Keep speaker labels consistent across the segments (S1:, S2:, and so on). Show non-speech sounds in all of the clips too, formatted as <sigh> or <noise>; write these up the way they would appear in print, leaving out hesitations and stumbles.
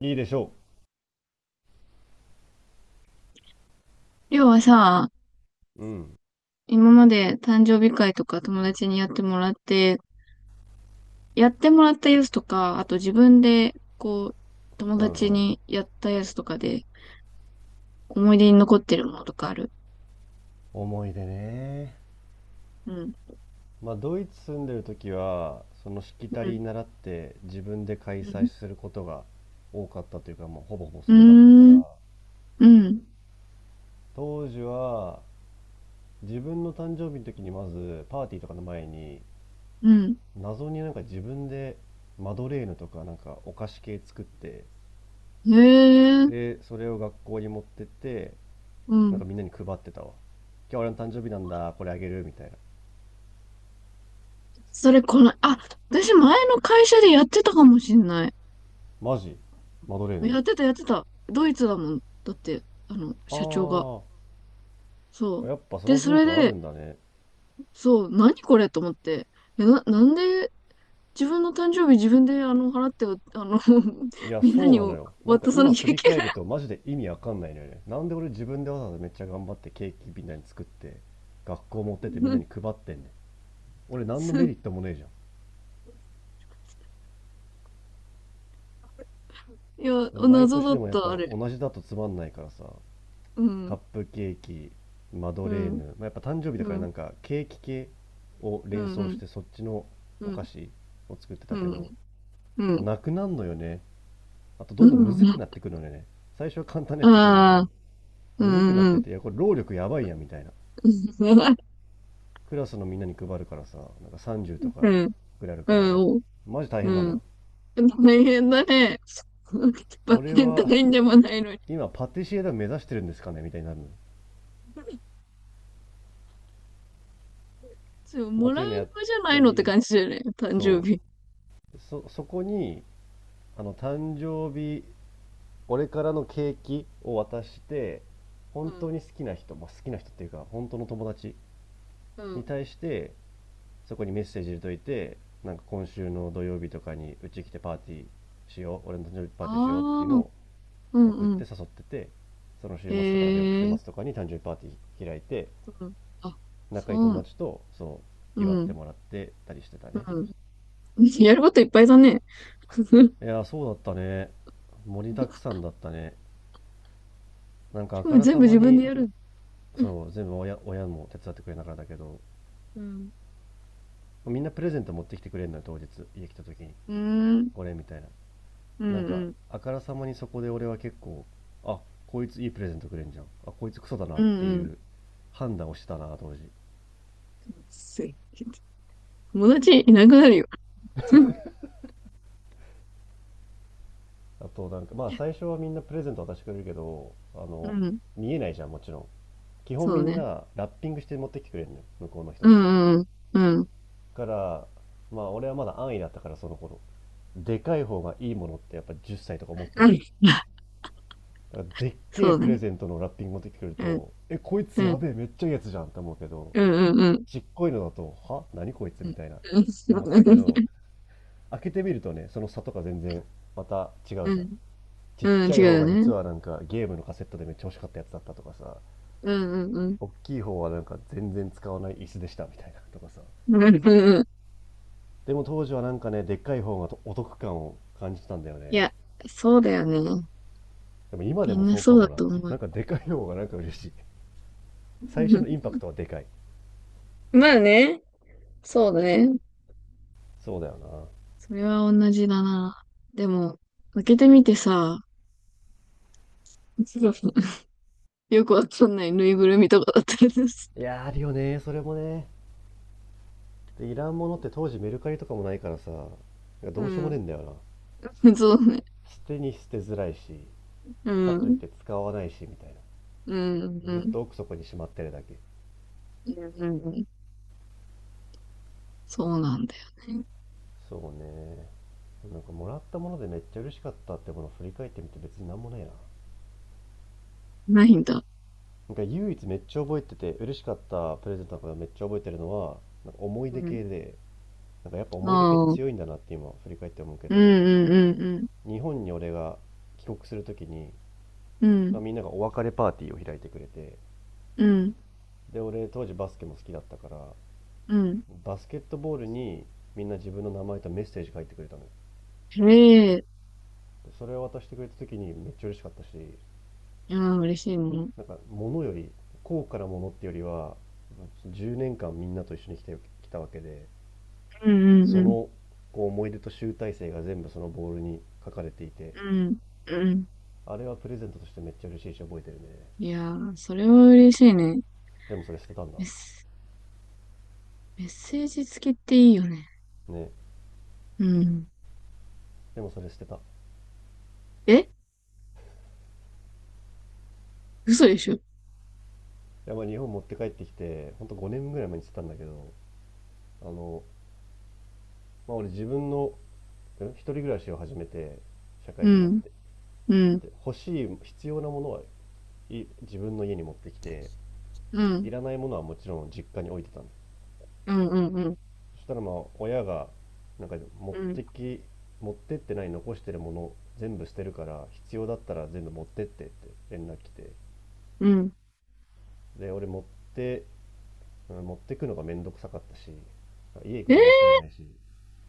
S1: いいでしょ
S2: りょうはさ、
S1: うん
S2: 今まで誕生日会とか友達にやってもらって、やってもらったやつとか、あと自分で、友
S1: う
S2: 達
S1: んうん
S2: にやったやつとかで、思い出に残ってるものとかある？
S1: 思い出ね。
S2: うん。
S1: まあ、ドイツ住んでる時は、そのしきた
S2: うん。
S1: り習って自分で開
S2: う
S1: 催
S2: ん。
S1: することが多かったというか、もうほぼほぼ
S2: う
S1: それだったか
S2: ー
S1: ら、
S2: ん。うん。
S1: 当時は自分の誕生日の時にまずパーティーとかの前に、
S2: うん。
S1: 謎になんか自分でマドレーヌとかなんかお菓子系作って、
S2: へえ。
S1: で、それを学校に持ってって、
S2: う
S1: なん
S2: ん。
S1: かみんなに配ってたわ。今日俺の誕生日なんだ、これあげるみたいな。
S2: それ、この、あ、私前の会社でやってたかもしんない。
S1: マジマドレー
S2: や
S1: ヌ。
S2: ってた、やってた。ドイツだもん。だって、社長が。
S1: あ
S2: そ
S1: あ、
S2: う。
S1: やっぱそ
S2: で、
S1: の
S2: そ
S1: 文
S2: れ
S1: 化ある
S2: で、
S1: んだね。
S2: そう、何これと思って。なんで自分の誕生日自分で払って、あの <laughs>
S1: いや、
S2: みんな
S1: そう
S2: に
S1: なのよ。なんか
S2: 渡さな
S1: 今
S2: き
S1: 振
S2: ゃい
S1: り
S2: け
S1: 返
S2: な
S1: る
S2: い。
S1: とマジで意味わかんないのよね。なんで俺自分でわざわざめっちゃ頑張ってケーキみんなに作って、学校持って
S2: <laughs>
S1: って
S2: そ
S1: みんな
S2: う。
S1: に配ってんねん。俺何のメリットもねえじゃ
S2: いや、
S1: ん。毎
S2: 謎
S1: 年
S2: だっ
S1: でもやっ
S2: た、
S1: ぱ
S2: あれ。
S1: 同じだとつまんないからさ、
S2: う
S1: カッ
S2: ん、
S1: プケーキ、マド
S2: う
S1: レー
S2: ん、
S1: ヌ、まあ、やっぱ誕生日だ
S2: う
S1: からな
S2: ん、
S1: んかケーキ系を
S2: うん、
S1: 連
S2: う
S1: 想し
S2: ん、
S1: てそっちの
S2: う
S1: お菓
S2: ん、
S1: 子を作って
S2: う
S1: たけど、
S2: ん、う
S1: もう
S2: ん、
S1: なくなんのよね。あとど
S2: う
S1: んどん
S2: ん、
S1: む
S2: う
S1: ずく
S2: ん。
S1: なってくるのよね。最初は簡単なや
S2: あ
S1: ついくんだけど。
S2: あ、う
S1: むずくなっ
S2: ん、う
S1: て
S2: ん、
S1: て、いや、これ労力やばいやみたいな。
S2: うん、
S1: クラスのみんなに配るからさ、なんか30と
S2: <laughs> う
S1: か
S2: ん、
S1: くらいある
S2: う
S1: から、
S2: ん、
S1: マジ大変なの
S2: うん。
S1: よ。
S2: 大変だね。<laughs> バ
S1: 俺
S2: レンタ
S1: は
S2: インでもないのに。
S1: 今パティシエだ目指してるんですかねみたいになるのよ。
S2: <laughs> そう、
S1: まあ、
S2: も
S1: っ
S2: ら
S1: てい
S2: う
S1: うのやっ
S2: 側じゃな
S1: た
S2: いのって
S1: り、
S2: 感じだよね、誕生
S1: そ
S2: 日。
S1: う。そ、そこに、あの、誕生日、俺からのケーキを渡して、
S2: う
S1: 本
S2: ん、
S1: 当に好きな人、まあ、好きな人っていうか、本当の友達
S2: う
S1: に
S2: ん。
S1: 対して、そこにメッセージ入れといて、なんか今週の土曜日とかにうち来てパーティーしよう、俺の誕生日パー
S2: あ
S1: ティーしようっていうの
S2: あ、
S1: を
S2: う
S1: 送っ
S2: んう
S1: て
S2: ん。
S1: 誘ってて、その
S2: へ
S1: 週末とかなんか翌週末
S2: え、
S1: とかに誕生日パーティー開いて、
S2: うん。あ、
S1: 仲いい
S2: そ
S1: 友
S2: う、
S1: 達とそ
S2: う
S1: う祝って
S2: ん、
S1: もらってたりしてたね。
S2: うん。<laughs> やることいっぱいだね。<laughs>
S1: いやー、そうだったね。盛りだくさんだったね。なんか
S2: し
S1: あ
S2: か
S1: か
S2: も
S1: ら
S2: 全
S1: さ
S2: 部
S1: ま
S2: 自分
S1: に、
S2: でやる。
S1: そう、全部親、親も手伝ってくれながらだけど、
S2: うん。
S1: みんなプレゼント持ってきてくれるのよ、当日家来た時に。
S2: うーん、
S1: これみたいな、
S2: うん、
S1: なん
S2: う
S1: か
S2: ん、
S1: あからさまにそこで俺は結構、あ、こいついいプレゼントくれんじゃん、あこいつクソだな
S2: う
S1: っ
S2: ん、
S1: て
S2: う
S1: い
S2: ん。
S1: う判断をしてたな当時。
S2: す友達いなくなるよ。<laughs>
S1: あとなんかまあ最初はみんなプレゼント渡してくれるけど、あ
S2: う
S1: の、
S2: ん、
S1: 見えないじゃんもちろん。基本
S2: そ
S1: み
S2: う
S1: ん
S2: ね。
S1: なラッピングして持ってきてくれるのよ、向こうの人
S2: う
S1: って。
S2: ん、うん、うん。うん、
S1: だからまあ俺はまだ安易だったからその頃、でかい方がいいものってやっぱ10歳とか持ってんのよ。
S2: <laughs>
S1: だからでっけ
S2: そ
S1: え
S2: う
S1: プレ
S2: ね。
S1: ゼントのラッピング持ってきてくれる
S2: うん、
S1: と、え、こいつ
S2: う
S1: や
S2: ん、
S1: べえ、めっちゃいいやつじゃんって思うけど、
S2: うん、うん、うん。
S1: ちっこいのだと、は何こいつ
S2: う
S1: み
S2: ん、
S1: たいなって思ってたけど、開けてみるとね、その差とか全然また違う
S2: う
S1: じゃん。
S2: ん、
S1: ちっ
S2: うん、
S1: ちゃ
S2: 違う
S1: い方
S2: よ
S1: が実
S2: ね。
S1: はなんかゲームのカセットでめっちゃ欲しかったやつだったとかさ、
S2: うん、うん、うん。
S1: 大きい方はなんか全然使わない椅子でしたみたいなとかさ。
S2: うん、うん。
S1: でも当時はなんかね、でっかい方がお得感を感じたんだよ
S2: い
S1: ね。
S2: や、そうだよね。
S1: でも今で
S2: み
S1: も
S2: んな
S1: そう
S2: そ
S1: か
S2: うだ
S1: もな。
S2: と思う。
S1: なんかでかい方がなんか嬉しい。最初のインパ
S2: <laughs>
S1: クトはでかい。
S2: まあね。そうだね。
S1: そうだよ
S2: それは同じだな。でも、開けてみてさ、<laughs> よくわかんないぬいぐるみとかだったりです。
S1: な。いやーあるよね、それもね。でいらんものって当時メルカリとかもないからさ、
S2: う
S1: どうしようもねえ
S2: ん。
S1: んだよな。
S2: <laughs> そうね。
S1: 捨てに捨てづらいし、
S2: う
S1: かといっ
S2: ん。
S1: て使わないしみたい
S2: うん。
S1: な、
S2: う
S1: ずっ
S2: ん。
S1: と奥底にしまってるだけ。
S2: うん。うん。そうなんだよね。
S1: そうね。なんかもらったものでめっちゃ嬉しかったってものを振り返ってみて別になんもないな。
S2: ないんだ。
S1: なんか唯一めっちゃ覚えてて嬉しかったプレゼントのこと、めっちゃ覚えてるのは、なんか思い
S2: う
S1: 出
S2: ん。
S1: 系で、なんかやっぱ
S2: あ
S1: 思い出系っ
S2: あ。
S1: て
S2: うん
S1: 強いんだなって今振り返って思うけ
S2: うん
S1: ど、
S2: うん
S1: 日本に俺が帰国するときに、
S2: うん。う
S1: まあ
S2: ん。
S1: みんながお別れパーティーを開いてくれて、
S2: うん。
S1: で俺当時バスケも好きだったから、
S2: うん。
S1: バスケットボールにみんな自分の名前とメッセージ書いてくれたのよ。
S2: えれ、
S1: でそれを渡してくれた時にめっちゃ嬉しかったし、
S2: いや、嬉しいもん。
S1: なんか物より高価なものってよりは、10年間みんなと一緒に来てきたわけで、
S2: うんうん
S1: そ
S2: うん。
S1: のこう思い出と集大成が全部そのボールに書かれていて、
S2: うん。うん。
S1: あれはプレゼントとしてめっちゃ嬉しいし覚えてるね。
S2: いやー、それは嬉しいね。
S1: でもそれ捨てたんだ
S2: ですメッセージ付きっていいよね。
S1: ね。
S2: うん。
S1: でもそれ捨てたい
S2: え、嘘でしょ？
S1: や、まあ日本持って帰ってきて、ほんと5年ぐらい前に捨てたんだけど、あの、まあ俺自分の一人暮らしを始めて社会
S2: う
S1: 人になっ
S2: ん。
S1: て、
S2: うん。
S1: で欲しい必要なものはい自分の家に持ってきて、
S2: うん。
S1: いらないものはもちろん実家に置いてたんです。
S2: うん。うん。うん。
S1: そしたらまあ親が、なんか持っ
S2: うん。
S1: てき、持ってってない残してるもの全部捨てるから必要だったら全部持ってってって連絡来て、
S2: うん。
S1: で俺て持ってくのがめんどくさかったし、家行
S2: え
S1: くのあんま好
S2: ー。
S1: きじゃないし、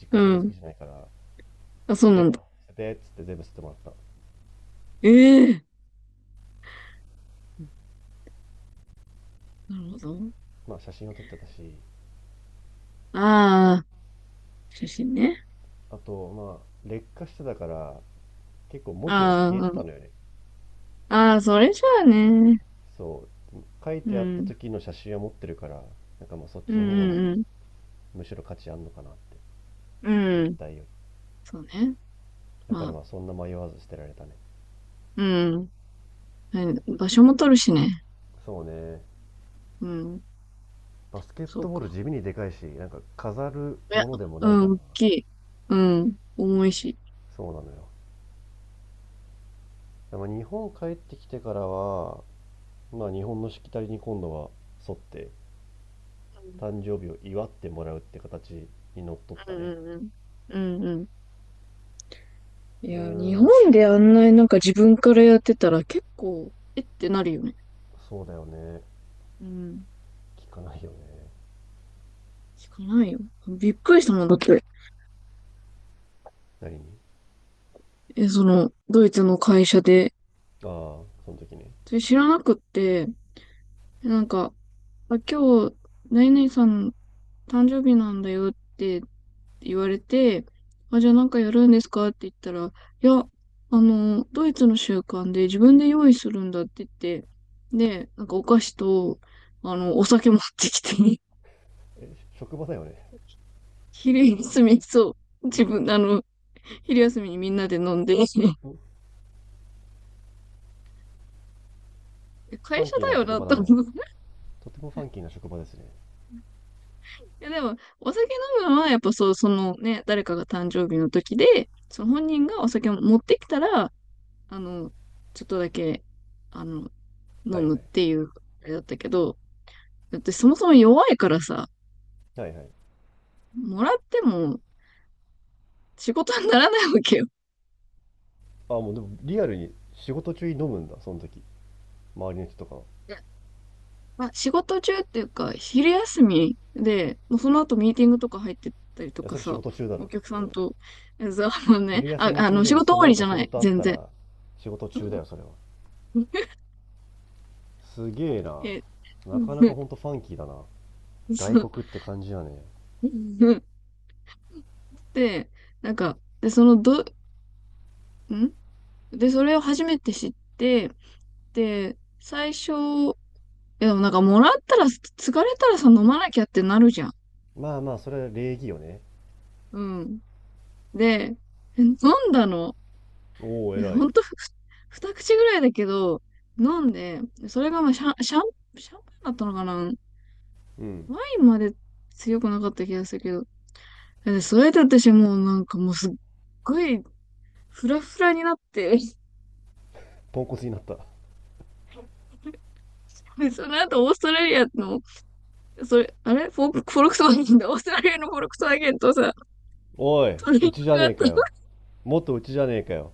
S1: 実
S2: う
S1: 家そんな好き
S2: ん。
S1: じゃないから
S2: あ、そう
S1: 「い
S2: な
S1: い
S2: ん
S1: や、
S2: だ。
S1: 捨てて」っつって全部捨ててもらった。
S2: ええー、なるほど。
S1: まあ写真を撮ってたし、
S2: ああ、写真ね。
S1: あと、まあ、劣化してたから、結構文字が
S2: ああ、
S1: 消えて
S2: う
S1: た
S2: ん。
S1: のよね。
S2: ああ、それじゃあね。
S1: そう。書い
S2: う
S1: てあった
S2: ん。
S1: 時の写真は持ってるから、なんかまあそっ
S2: う
S1: ちの方
S2: ん
S1: が
S2: うん
S1: むしろ価値あんのかなって。
S2: う
S1: 物
S2: ん。うん。
S1: 体より。
S2: そうね。
S1: だか
S2: ま
S1: ら
S2: あ、
S1: まあそんな迷わず捨てられたね。
S2: うん。はい。場所も取るしね。
S1: そうね。
S2: うん。
S1: バスケッ
S2: そう
S1: トボール
S2: か。
S1: 地味にでかいし、なんか飾る
S2: いや、
S1: ものでもないか
S2: う
S1: ら
S2: ん、
S1: な。
S2: 大きい。うん。重いし。
S1: そうなのよ。でも日本帰ってきてからは、まあ日本のしきたりに今度は沿って、誕生日を祝ってもらうって形にのっとっ
S2: う
S1: た
S2: ん
S1: ね。
S2: うんうん。うんうん。い
S1: うー
S2: や、日
S1: ん、
S2: 本であんなになんか自分からやってたら結構、えってなるよね。
S1: そうだよね。
S2: うん。
S1: 聞かないよね。
S2: 聞かないよ。びっくりしたもんだって。
S1: 何に？
S2: え、その、ドイツの会社で。
S1: ああ、その時ね。
S2: それ知らなくって、なんか、あ、今日、何々さん誕生日なんだよって言われて、あ、じゃあなんかやるんですかって言ったら、いや、あの、ドイツの習慣で自分で用意するんだって言って、で、なんかお菓子と、あの、お酒持ってきて
S1: え、職場だよね。
S2: 昼休み、そう。
S1: ん
S2: 自
S1: ん、
S2: 分、あの、昼休みにみんなで飲んで、<laughs>
S1: フ
S2: 会
S1: ァン
S2: 社
S1: キーな
S2: だよ
S1: 職
S2: な、
S1: 場
S2: と
S1: だね。
S2: 思う。<laughs>
S1: とてもファンキーな職場ですね。
S2: いや、でも、お酒飲むのは、やっぱそう、そのね、誰かが誕生日の時で、その本人がお酒を持ってきたら、あの、ちょっとだけ、あの、
S1: は
S2: 飲
S1: いはい。
S2: むっていう、あれだったけど、だってそもそも弱いからさ、
S1: はいはい。
S2: もらっても仕事にならないわけよ。
S1: ああ、もうでもリアルに仕事中に飲むんだ、その時。周りの人とかは。い
S2: まあ、仕事中っていうか、昼休みで、もうその後ミーティングとか入ってったりと
S1: や、
S2: か
S1: それ仕
S2: さ、
S1: 事中だ
S2: お
S1: ろ。
S2: 客さんと、えざあのね、
S1: 昼休
S2: あ、
S1: み
S2: あ
S1: 中
S2: の、
S1: で
S2: 仕
S1: も
S2: 事
S1: そ
S2: 終わ
S1: の
S2: り
S1: 後
S2: じゃ
S1: 仕
S2: ない、
S1: 事あっ
S2: 全
S1: た
S2: 然。
S1: ら仕事中だ
S2: うん。
S1: よ、それは。
S2: <laughs>
S1: すげえな。
S2: え、
S1: な
S2: う
S1: かなか
S2: ん、
S1: ほんとファンキーだな。外
S2: そう。
S1: 国って感じだね。
S2: うん。で、なんか、で、その、ど、んで、それを初めて知って、で、最初、いやでもなんか、もらったら、疲れたらさ、飲まなきゃってなるじゃん。
S1: まあまあ、それは礼儀よね。
S2: うん。で、飲んだの。
S1: おお、
S2: で、
S1: 偉
S2: ほ
S1: い。
S2: んと、<laughs> 二口ぐらいだけど、飲んで、それがまあシャンパンだったのかな。
S1: うん。
S2: ワインまで強くなかった気がするけど。で、それで私もうなんかもうすっごいフラフラになって、
S1: ポンコツになった。
S2: <laughs> で、その後オーストラリアの、それ、あれフォ、フォルクスワーゲンだ。オーストラリアのフォルクスワーゲンとさ、
S1: おい、
S2: トレーニン
S1: うちじ
S2: グ
S1: ゃ
S2: があっ
S1: ねえ
S2: た
S1: かよ。もっとうちじゃねえかよ。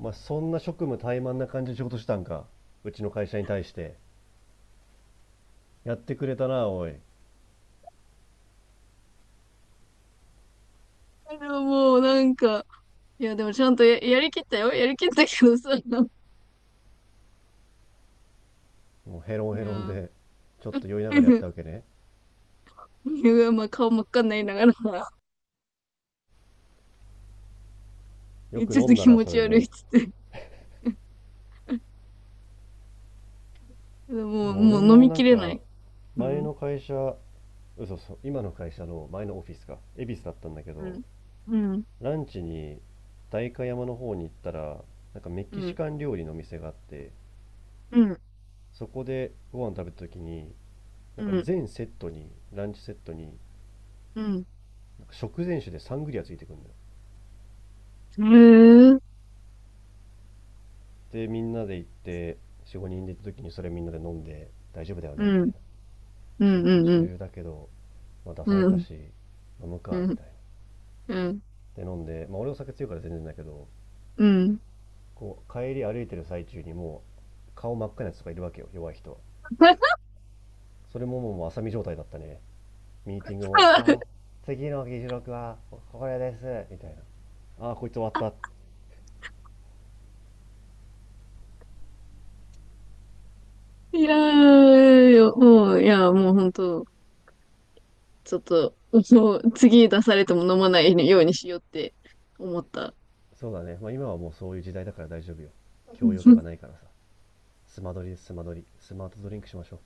S1: まあそんな職務怠慢な感じで仕事したんか。うちの会社に対して。やってくれたな、おい。
S2: けど、もうなんか、いや、でもちゃんとやりきったよ。やりきったけどさ、いや
S1: もうヘロンヘロン
S2: ー、
S1: で、ちょっと酔いながらやっ
S2: <laughs>
S1: たわけね。
S2: いやまあ顔真っ赤になりながら
S1: よく
S2: ちょっ
S1: 飲
S2: と
S1: んだ
S2: 気
S1: な、
S2: 持
S1: そ
S2: ち
S1: れ
S2: 悪い
S1: で。
S2: っつって。<laughs>
S1: で
S2: もう、
S1: も
S2: も
S1: 俺
S2: う飲
S1: も
S2: み
S1: な
S2: き
S1: ん
S2: れな
S1: か、
S2: い。う
S1: 前
S2: ん。
S1: の会社、嘘、そう、今の会社の前のオフィスか、恵比寿だったんだけ
S2: う
S1: ど、
S2: ん。うん。
S1: ランチに代官山の方に行ったら、なんかメキ
S2: う
S1: シ
S2: ん。
S1: カン料理の店があって、
S2: うん。
S1: そこでご飯食べた時に、な
S2: う
S1: んか
S2: ん。
S1: 全セットに、ランチセットに
S2: うん。
S1: 食前酒でサングリアついてくるんだよ。
S2: へえ。
S1: でみんなで行って45人で行った時に、それみんなで飲んで大丈夫だよ
S2: う
S1: ねみたい
S2: ん。
S1: な、
S2: う
S1: 仕事
S2: ん。うん。
S1: 中だけど、まあ、出
S2: う
S1: され
S2: ん。う
S1: た
S2: ん。
S1: し飲む
S2: う
S1: かみ
S2: ん。
S1: たい
S2: うん。
S1: なで飲んで、まあ、俺お酒強いから全然だけど、
S2: うん。
S1: こう帰り歩いてる最中にもう顔真っ赤なやつとかいるわけよ、弱い人は。それももう浅見状態だったね。ミーティングも「あ
S2: <laughs>
S1: ー、次の議事録はこれです」みたいな、「ああこいつ終わった」。
S2: いやーよ、もう、いや、もう本当、ちょっと、もう次出されても飲まないようにしようって思った。
S1: そうだね。まあ今はもうそういう時代だから大丈夫よ。教養とか
S2: <laughs>
S1: ないからさ。スマドリ、スマドリ。スマートドリンクしましょ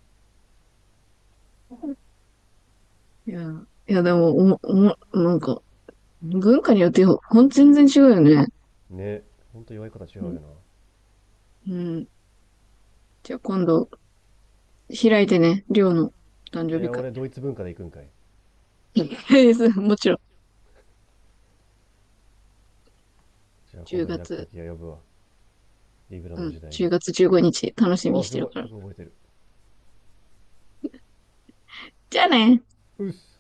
S2: いや、いや、でも、おも、おも、なんか、文化によって全然違うよね。
S1: う。ね。ほんと弱いことは違
S2: う
S1: う
S2: ん。
S1: よな。
S2: うん。じゃあ今度開いてね、りょうの誕
S1: い
S2: 生日
S1: や、
S2: 会。
S1: 俺ドイツ文化で行くんかい。
S2: <laughs> もちろん。
S1: じゃあ今
S2: 10
S1: 度開くと
S2: 月、
S1: きは呼ぶわ。リブラ
S2: う
S1: の
S2: ん、
S1: 時代
S2: 10
S1: に。
S2: 月15日楽しみ
S1: あ
S2: に
S1: あ、
S2: し
S1: す
S2: て
S1: ご
S2: る
S1: い。よ
S2: から。
S1: く覚えてる。
S2: じゃあねー。
S1: うっす。